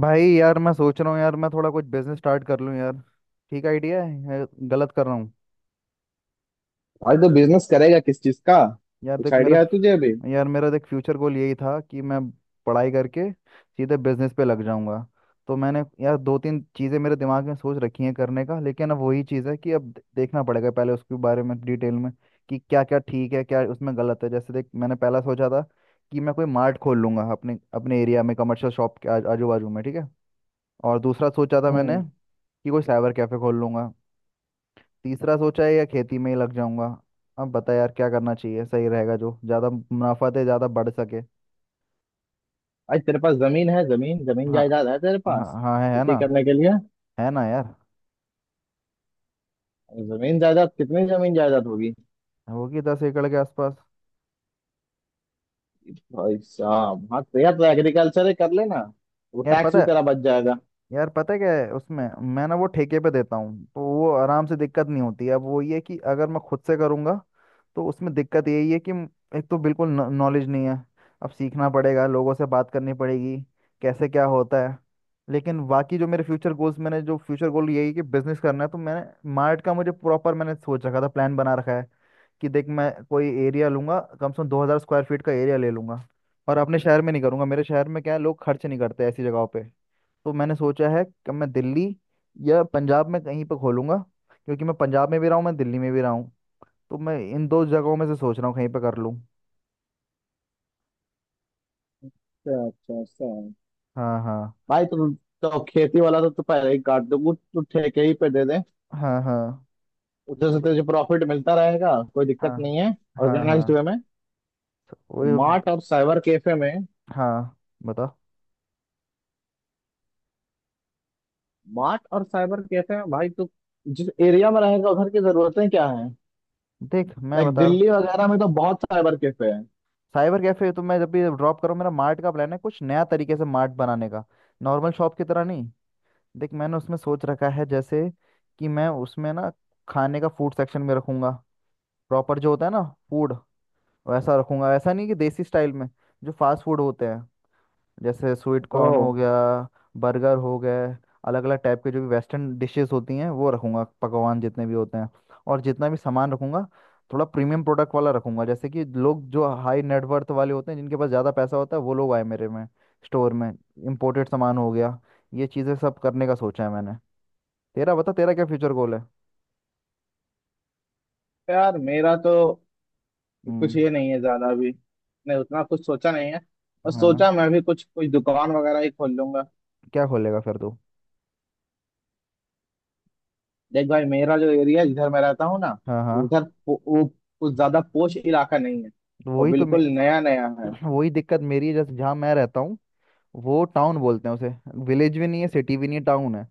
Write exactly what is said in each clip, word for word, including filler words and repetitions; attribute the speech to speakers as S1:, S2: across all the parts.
S1: भाई यार, मैं सोच रहा हूँ यार, मैं थोड़ा कुछ बिजनेस स्टार्ट कर लूँ यार। ठीक आइडिया है या गलत कर रहा हूँ।
S2: भाई तो बिजनेस करेगा किस चीज का।
S1: यार
S2: कुछ
S1: देख, मेरा
S2: आइडिया है तुझे अभी।
S1: फ- यार मेरा देख फ्यूचर गोल यही था कि मैं पढ़ाई करके सीधे बिजनेस पे लग जाऊंगा। तो मैंने यार दो तीन चीज़ें मेरे दिमाग में सोच रखी हैं करने का, लेकिन अब वही चीज़ है कि अब दे- देखना पड़ेगा पहले उसके बारे में डिटेल में कि क्या क्या ठीक है, क्या उसमें गलत है। जैसे देख, मैंने पहला सोचा था कि मैं कोई मार्ट खोल लूंगा अपने अपने एरिया में, कमर्शियल शॉप के आजू बाजू में, ठीक है। और दूसरा सोचा था मैंने
S2: हम्म।
S1: कि कोई साइबर कैफे खोल लूंगा। तीसरा सोचा है या खेती में ही लग जाऊंगा। अब बता यार, क्या करना चाहिए, सही रहेगा, जो ज्यादा मुनाफा दे, ज्यादा बढ़ सके।
S2: भाई तेरे पास जमीन है, जमीन जमीन
S1: हाँ।
S2: जायदाद है तेरे पास,
S1: हाँ हाँ है, है
S2: खेती
S1: ना।
S2: करने के लिए।
S1: है ना यार।
S2: जमीन जायदाद कितनी जमीन जायदाद होगी।
S1: होगी दस एकड़ के आसपास।
S2: भाई साहब, हाँ तेरा तो एग्रीकल्चर ही कर लेना, वो
S1: यार
S2: टैक्स
S1: पता
S2: भी
S1: है।
S2: तेरा बच जाएगा।
S1: यार पता है क्या है उसमें। मैं ना वो ठेके पे देता हूँ, तो वो आराम से, दिक्कत नहीं होती है। अब वो ये है कि अगर मैं खुद से करूँगा तो उसमें दिक्कत यही है कि म- एक तो बिल्कुल नॉलेज नहीं है। अब सीखना पड़ेगा, लोगों से बात करनी पड़ेगी कैसे क्या होता है। लेकिन बाकी जो मेरे फ्यूचर गोल्स, मैंने जो फ्यूचर गोल यही है कि बिजनेस करना है, तो मैंने मार्ट का मुझे प्रॉपर, मैंने सोच रखा था, प्लान बना रखा है कि देख, मैं कोई एरिया लूंगा, कम से कम दो हज़ार स्क्वायर फीट का एरिया ले लूंगा। और अपने शहर में नहीं करूंगा, मेरे शहर में क्या है, लोग खर्च नहीं करते ऐसी जगहों पे। तो मैंने सोचा है कि मैं दिल्ली या पंजाब में कहीं पर खोलूंगा, क्योंकि मैं पंजाब में भी रहा हूँ, मैं दिल्ली में भी रहा हूँ। तो मैं इन दो जगहों में से सोच रहा हूँ कहीं पर कर लूँ।
S2: अच्छा अच्छा अच्छा।
S1: हाँ हाँ।
S2: भाई तो, तो खेती वाला तो तू पहले ही काट दो, कुछ तू ठेके ही पे दे दे,
S1: हाँ हाँ।
S2: उधर
S1: वो
S2: से
S1: तो-
S2: तुझे प्रॉफिट मिलता रहेगा, कोई
S1: हाँ।
S2: दिक्कत नहीं है,
S1: हाँ
S2: ऑर्गेनाइज्ड
S1: हाँ।
S2: वे में। तो
S1: वो।
S2: मार्ट और साइबर कैफे में,
S1: हाँ। बता।
S2: मार्ट और साइबर कैफे में भाई तू जिस एरिया में रहेगा, उधर की जरूरतें क्या हैं।
S1: देख मैं
S2: लाइक
S1: बता रहा हूँ।
S2: दिल्ली वगैरह में तो बहुत साइबर कैफे हैं।
S1: साइबर कैफे तो मैं जब भी ड्रॉप करूँ, मेरा मार्ट का प्लान है, कुछ नया तरीके से मार्ट बनाने का, नॉर्मल शॉप की तरह नहीं। देख मैंने उसमें सोच रखा है, जैसे कि मैं उसमें ना, खाने का फूड सेक्शन में रखूंगा, प्रॉपर जो होता है ना फूड, वैसा रखूंगा, ऐसा नहीं कि देसी स्टाइल में। जो फास्ट फूड होते हैं, जैसे स्वीट कॉर्न
S2: ओह।
S1: हो गया, बर्गर हो गए, अलग अलग टाइप के जो भी वेस्टर्न डिशेस होती हैं वो रखूंगा, पकवान जितने भी होते हैं। और जितना भी सामान रखूंगा, थोड़ा प्रीमियम प्रोडक्ट वाला रखूंगा, जैसे कि लोग जो हाई नेटवर्थ वाले होते हैं, जिनके पास ज़्यादा पैसा होता है, वो लोग आए मेरे में, स्टोर में। इम्पोर्टेड सामान हो गया, ये चीज़ें सब करने का सोचा है मैंने। तेरा बता, तेरा क्या फ्यूचर गोल है।
S2: यार मेरा तो कुछ
S1: हम्म।
S2: ये नहीं है ज्यादा अभी, मैं उतना कुछ सोचा नहीं है, और
S1: हाँ।
S2: सोचा मैं भी कुछ कुछ दुकान वगैरह ही खोल लूंगा।
S1: क्या खोलेगा फिर तू।
S2: देख भाई, मेरा जो एरिया है जिधर मैं रहता हूँ ना,
S1: हाँ हाँ।
S2: उधर पो- वो कुछ ज्यादा पोश इलाका नहीं है, और
S1: वही तो मे-
S2: बिल्कुल नया नया है।
S1: वही दिक्कत मेरी है, जैसे जहाँ मैं रहता हूँ, वो टाउन बोलते हैं उसे, विलेज भी नहीं है, सिटी भी नहीं है, टाउन है।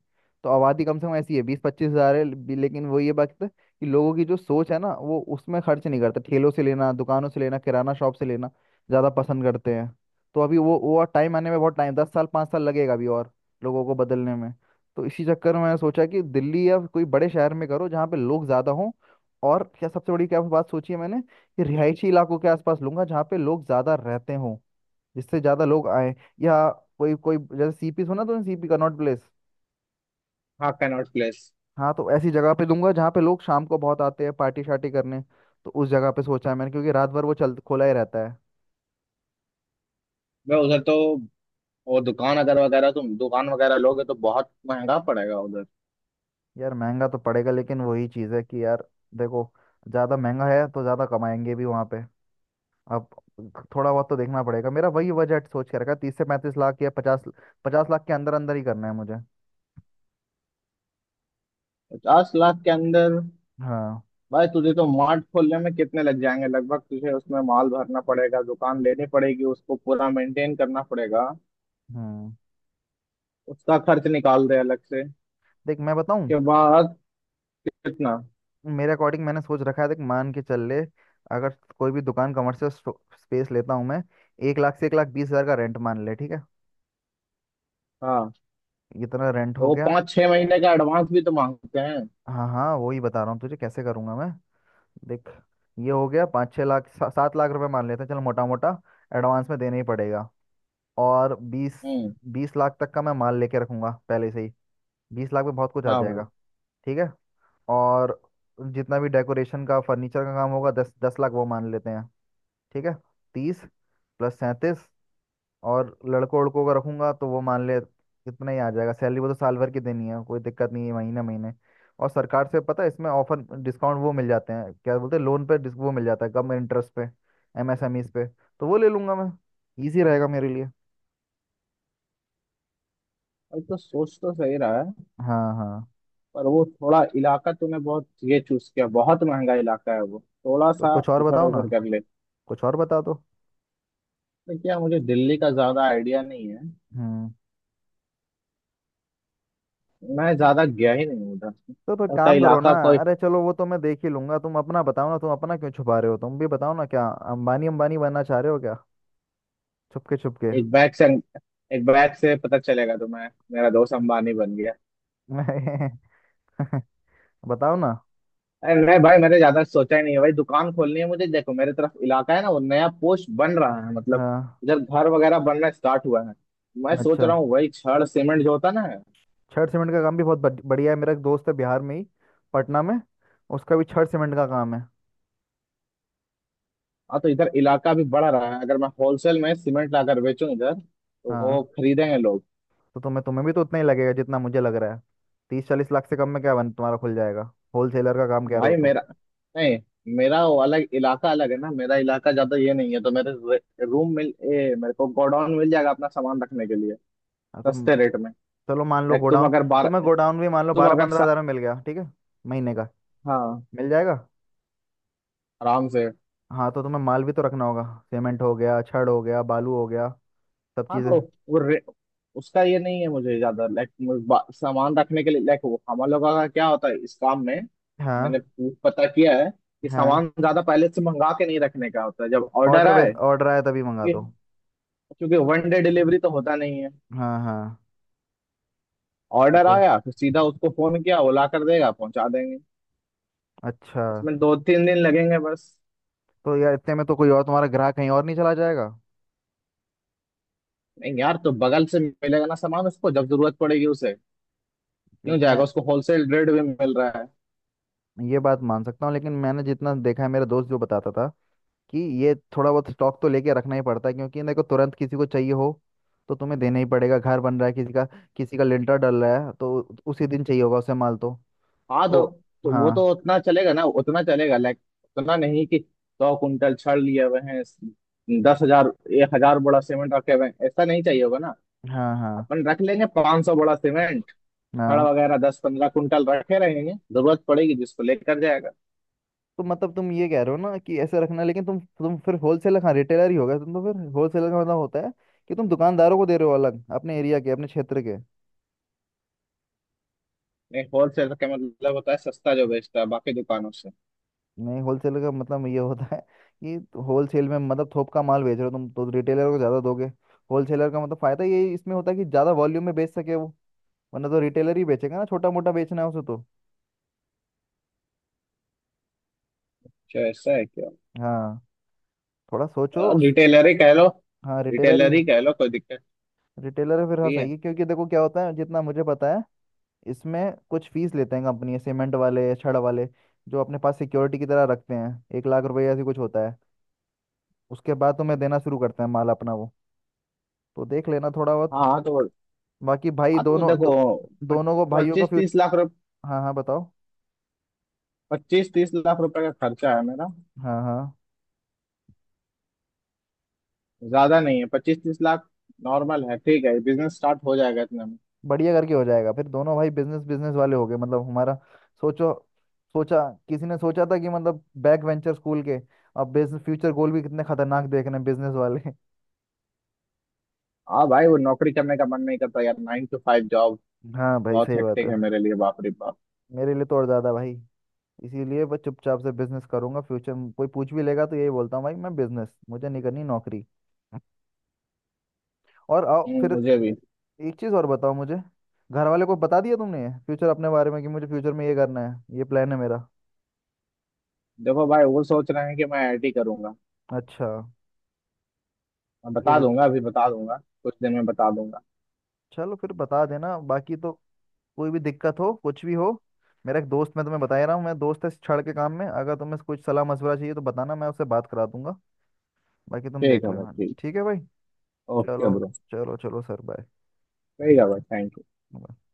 S1: तो आबादी कम से कम ऐसी है बीस पच्चीस हज़ार है भी- लेकिन वो ये बात है कि लोगों की जो सोच है ना, वो उसमें खर्च नहीं करते, ठेलों से लेना, दुकानों से लेना, किराना शॉप से लेना ज़्यादा पसंद करते हैं। तो अभी वो वो और टाइम आने में बहुत टाइम, दस साल पाँच साल लगेगा अभी और लोगों को बदलने में। तो इसी चक्कर में मैंने सोचा कि दिल्ली या कोई बड़े शहर में करो, जहाँ पे लोग ज़्यादा हों। और क्या सबसे बड़ी क्या बात सोची है मैंने, कि रिहायशी इलाकों के आसपास लूंगा, जहाँ पे लोग ज़्यादा रहते हों, जिससे ज्यादा लोग आए। या कोई कोई, जैसे सी पी सुना, तो सी पी कनॉट प्लेस।
S2: हाँ, कैनॉट प्लेस।
S1: हाँ, तो ऐसी जगह पे दूंगा जहाँ पे लोग शाम को बहुत आते हैं पार्टी शार्टी करने, तो उस जगह पे सोचा है मैंने, क्योंकि रात भर वो चल, खुला ही रहता है।
S2: मैं उधर तो वो दुकान अगर वगैरह, तुम दुकान वगैरह लोगे तो बहुत महंगा पड़ेगा उधर।
S1: यार महंगा तो पड़ेगा, लेकिन वही चीज़ है कि यार देखो, ज़्यादा महंगा है तो ज़्यादा कमाएंगे भी वहाँ पे। अब थोड़ा बहुत तो देखना पड़ेगा, मेरा वही बजट सोच के रखा, तीस से पैंतीस लाख या पचास, पचास लाख के अंदर अंदर ही करना है मुझे।
S2: पचास लाख के अंदर।
S1: हाँ।
S2: भाई तुझे तो मार्ट खोलने में कितने लग जाएंगे लगभग, तुझे उसमें माल भरना पड़ेगा, दुकान लेनी पड़ेगी, उसको पूरा मेंटेन करना पड़ेगा,
S1: हम्म।
S2: उसका खर्च निकाल दे अलग से,
S1: देख मैं बताऊँ,
S2: उसके बाद कितना।
S1: मेरे अकॉर्डिंग मैंने सोच रखा है, देख मान के चल ले, अगर कोई भी दुकान कमर्शियल स्पेस लेता हूँ मैं, एक लाख से एक लाख बीस हज़ार का रेंट मान ले, ठीक है।
S2: हाँ
S1: इतना रेंट
S2: तो
S1: हो
S2: वो
S1: गया।
S2: पाँच छह महीने का एडवांस भी तो मांगते हैं।
S1: हाँ हाँ, वही बता रहा हूँ तुझे कैसे करूँगा मैं। देख, ये हो गया पाँच छः लाख, सा, सात लाख रुपए मान लेते हैं, चल मोटा मोटा। एडवांस में देना ही पड़ेगा। और बीस,
S2: हम्म।
S1: बीस लाख तक का मैं माल लेके रखूँगा पहले से ही। बीस लाख में बहुत कुछ आ
S2: हाँ भाई।
S1: जाएगा। ठीक है। और जितना भी डेकोरेशन का, फर्नीचर का काम होगा, दस दस लाख वो मान लेते हैं, ठीक है। तीस प्लस सैंतीस। और लड़कों लड़कों का रखूंगा तो वो मान ले कितना ही आ जाएगा सैलरी, वो तो साल भर की देनी है, कोई दिक्कत नहीं है, महीने महीने। और सरकार से पता है, इसमें ऑफर डिस्काउंट वो मिल जाते हैं, क्या बोलते हैं, लोन पे डिस- वो मिल जाता है कम इंटरेस्ट पे, एम एस एम ईज़ पे। तो वो ले लूंगा मैं, इजी रहेगा मेरे लिए।
S2: भाई तो सोच तो सही रहा है,
S1: हाँ हाँ।
S2: पर वो थोड़ा इलाका तूने बहुत ये चूज किया, बहुत महंगा इलाका है वो, थोड़ा
S1: तो
S2: सा
S1: कुछ और
S2: इधर
S1: बताओ ना,
S2: उधर कर ले।
S1: कुछ और बता दो।
S2: तो क्या, मुझे दिल्ली का ज्यादा आइडिया नहीं है,
S1: हम्म।
S2: मैं ज्यादा गया ही नहीं उधर,
S1: तो तो
S2: लगता है
S1: काम करो ना।
S2: इलाका को।
S1: अरे चलो, वो तो मैं देख ही लूंगा, तुम अपना बताओ ना, तुम अपना क्यों छुपा रहे हो, तुम भी बताओ ना, क्या अंबानी अंबानी बनना चाह रहे हो क्या, छुपके छुपके।
S2: एक बैग से, एक बैग से पता चलेगा तुम्हें, मेरा दोस्त अंबानी बन गया।
S1: बताओ ना।
S2: अरे नहीं भाई, मैंने ज्यादा सोचा ही नहीं है भाई, दुकान खोलनी है मुझे, देखो मेरे तरफ इलाका है ना, वो नया पोस्ट बन रहा है, मतलब
S1: हाँ।
S2: इधर घर वगैरह बनना स्टार्ट हुआ है। मैं सोच
S1: अच्छा,
S2: रहा हूँ वही छड़ सीमेंट जो होता है ना।
S1: छड़ सीमेंट का काम भी बहुत बढ़- बढ़िया है। मेरा एक दोस्त है बिहार में ही, पटना में, उसका भी छड़ सीमेंट का काम है।
S2: हाँ तो इधर इलाका भी बढ़ रहा है, अगर मैं होलसेल में सीमेंट लाकर बेचूं इधर, तो वो
S1: हाँ,
S2: खरीदेंगे लोग।
S1: तो तुम्हें तुम्हें भी तो उतना ही लगेगा जितना मुझे लग रहा है। तीस चालीस लाख से कम में क्या बन, तुम्हारा खुल जाएगा, होलसेलर का काम
S2: तो
S1: कह रहे हो
S2: भाई
S1: तो।
S2: मेरा, नहीं, मेरा वो अलग इलाका, अलग है ना मेरा इलाका, ज्यादा ये नहीं है, तो मेरे रे- रूम मिल ए, मेरे को गोडाउन मिल जाएगा अपना सामान रखने के लिए
S1: हाँ। तो
S2: सस्ते रेट में।
S1: चलो मान लो
S2: लाइक तुम
S1: गोडाउन,
S2: अगर
S1: तो मैं
S2: बारह
S1: गोडाउन भी मान लो
S2: तुम
S1: बारह
S2: अगर
S1: पंद्रह हजार
S2: सा,
S1: में मिल गया, ठीक है, महीने का
S2: हाँ,
S1: मिल जाएगा।
S2: आराम से।
S1: हाँ तो तुम्हें माल भी तो रखना होगा, सीमेंट हो गया, छड़ हो गया, बालू हो गया, सब
S2: हाँ
S1: चीज़ें।
S2: तो वो रे- उसका ये नहीं है मुझे ज्यादा, लाइक सामान रखने के लिए, लाइक हम लोगों का क्या होता है इस काम में, मैंने
S1: हाँ
S2: पू- पता किया है कि
S1: हाँ,
S2: सामान ज्यादा पहले से मंगा के नहीं रखने का होता है, जब ऑर्डर
S1: ऑर्डर बेस,
S2: आए।
S1: ऑर्डर आया तभी मंगा
S2: क्योंकि
S1: दो।
S2: क्योंकि वन डे डिलीवरी तो होता नहीं है।
S1: हाँ हाँ। ये
S2: ऑर्डर
S1: तो है।
S2: आया फिर सीधा उसको फोन किया, वो ला कर देगा, पहुंचा देंगे।
S1: अच्छा।
S2: इसमें दो तीन दिन लगेंगे बस।
S1: तो यार इतने में तो कोई और तुम्हारा ग्राहक कहीं और नहीं चला जाएगा?
S2: नहीं यार, तो बगल से मिलेगा ना सामान उसको जब जरूरत पड़ेगी उसे। क्यों
S1: क्योंकि मैं,
S2: जाएगा, उसको होलसेल रेट भी मिल रहा है।
S1: ये बात मान सकता हूँ, लेकिन मैंने जितना देखा है, मेरा दोस्त जो बताता था कि ये थोड़ा बहुत स्टॉक तो लेके रखना ही पड़ता है, क्योंकि देखो तुरंत किसी को चाहिए हो तो तुम्हें देना ही पड़ेगा, घर बन रहा है किसी का, किसी का लिंटर डल रहा है तो उसी दिन चाहिए होगा उसे माल तो।
S2: हाँ,
S1: तो।
S2: तो, तो वो
S1: हाँ
S2: तो उतना चलेगा ना, उतना चलेगा लाइक, उतना नहीं कि सौ कुंटल छड़ लिए हुए हैं, दस हजार, एक हजार बोरा सीमेंट रखे हुए हैं, ऐसा नहीं चाहिए होगा ना।
S1: हाँ। हाँ
S2: अपन रख लेंगे पांच सौ बोरा सीमेंट, छड़
S1: हाँ।
S2: वगैरह दस पंद्रह कुंटल रखे रहेंगे, जरूरत पड़ेगी जिसको लेकर जाएगा।
S1: तो मतलब तुम ये कह रहे हो ना कि ऐसे रखना, लेकिन तुम तुम फिर होलसेलर, हाँ रिटेलर ही होगा तुम तो, फिर होलसेलर का मतलब होता है कि तुम दुकानदारों को दे रहे हो अलग, अपने एरिया के, अपने क्षेत्र के।
S2: नहीं, होलसेलर का मतलब होता है सस्ता जो बेचता है बाकी दुकानों से।
S1: नहीं, होलसेल का मतलब ये होता है कि होलसेल में मतलब थोक का माल बेच रहे हो तुम, तो रिटेलर को ज़्यादा दोगे। होलसेलर का मतलब फ़ायदा ये इसमें होता है कि ज़्यादा वॉल्यूम में बेच सके वो, वरना तो रिटेलर ही बेचेगा ना छोटा मोटा बेचना है उसे तो।
S2: क्या ऐसा है क्या।
S1: हाँ। थोड़ा सोचो
S2: और
S1: उस।
S2: रिटेलर ही कह लो,
S1: हाँ, रिटेलर ही।
S2: रिटेलर ही कह लो, कोई दिक्कत
S1: रिटेलर है फिर, हाँ
S2: नहीं है।
S1: सही है, क्योंकि देखो क्या होता है, जितना मुझे पता है इसमें, कुछ फीस लेते हैं कंपनी सीमेंट वाले, छड़ वाले, जो अपने पास सिक्योरिटी की तरह रखते हैं, एक लाख रुपए ऐसी कुछ होता है। उसके बाद तुम्हें देना शुरू करते हैं माल अपना वो, तो देख लेना थोड़ा बहुत।
S2: हाँ तो
S1: बाकी भाई
S2: हाँ तो
S1: दोनों दो,
S2: देखो,
S1: दोनों को, भाइयों का
S2: पच्चीस तीस लाख,
S1: फ्यूचर। हाँ हाँ, बताओ।
S2: पच्चीस तीस लाख रुपए का खर्चा है मेरा,
S1: हाँ हाँ,
S2: ज्यादा नहीं है पच्चीस तीस लाख, नॉर्मल है ठीक है, बिजनेस स्टार्ट हो जाएगा इतने में।
S1: बढ़िया, करके हो जाएगा, फिर दोनों भाई बिजनेस, बिजनेस वाले हो गए, मतलब हमारा। सोचो। सोचा किसी ने सोचा था कि मतलब बैक वेंचर स्कूल के, अब बिजनेस फ्यूचर गोल भी कितने खतरनाक देख रहे हैं बिजनेस वाले।
S2: हाँ भाई, वो नौकरी करने का मन नहीं करता यार, नाइन टू फाइव जॉब
S1: हाँ भाई
S2: बहुत
S1: सही बात
S2: हेक्टिक
S1: है।
S2: है मेरे लिए, बाप रे बाप।
S1: मेरे लिए तो और ज्यादा भाई, इसीलिए बस चुपचाप से बिजनेस करूंगा फ्यूचर में। कोई पूछ भी लेगा तो यही बोलता हूँ भाई मैं बिजनेस, मुझे नहीं करनी नौकरी। और आओ
S2: हम्म,
S1: फिर,
S2: मुझे भी।
S1: एक चीज और बताओ मुझे, घर वाले को बता दिया तुमने फ्यूचर अपने बारे में कि मुझे फ्यूचर में ये करना है, ये प्लान है मेरा?
S2: देखो भाई, वो सोच रहे हैं कि मैं आई आई टी करूंगा,
S1: अच्छा।
S2: मैं
S1: ये
S2: बता
S1: देख।
S2: दूंगा, अभी बता दूंगा, कुछ दिन में बता दूंगा।
S1: चलो फिर, बता देना। बाकी तो कोई भी दिक्कत हो, कुछ भी हो, मेरा एक दोस्त, मैं तुम्हें बता ही रहा हूँ, मैं दोस्त है इस छड़ के काम में, अगर तुम्हें कुछ सलाह मशवरा चाहिए तो बताना, मैं उससे बात करा दूंगा, बाकी तुम
S2: ठीक
S1: देख
S2: है भाई,
S1: लेना।
S2: ठीक।
S1: ठीक है भाई।
S2: ओके
S1: चलो,
S2: ब्रो।
S1: चलो चलो सर।
S2: ठीक है भाई, थैंक यू।
S1: बाय।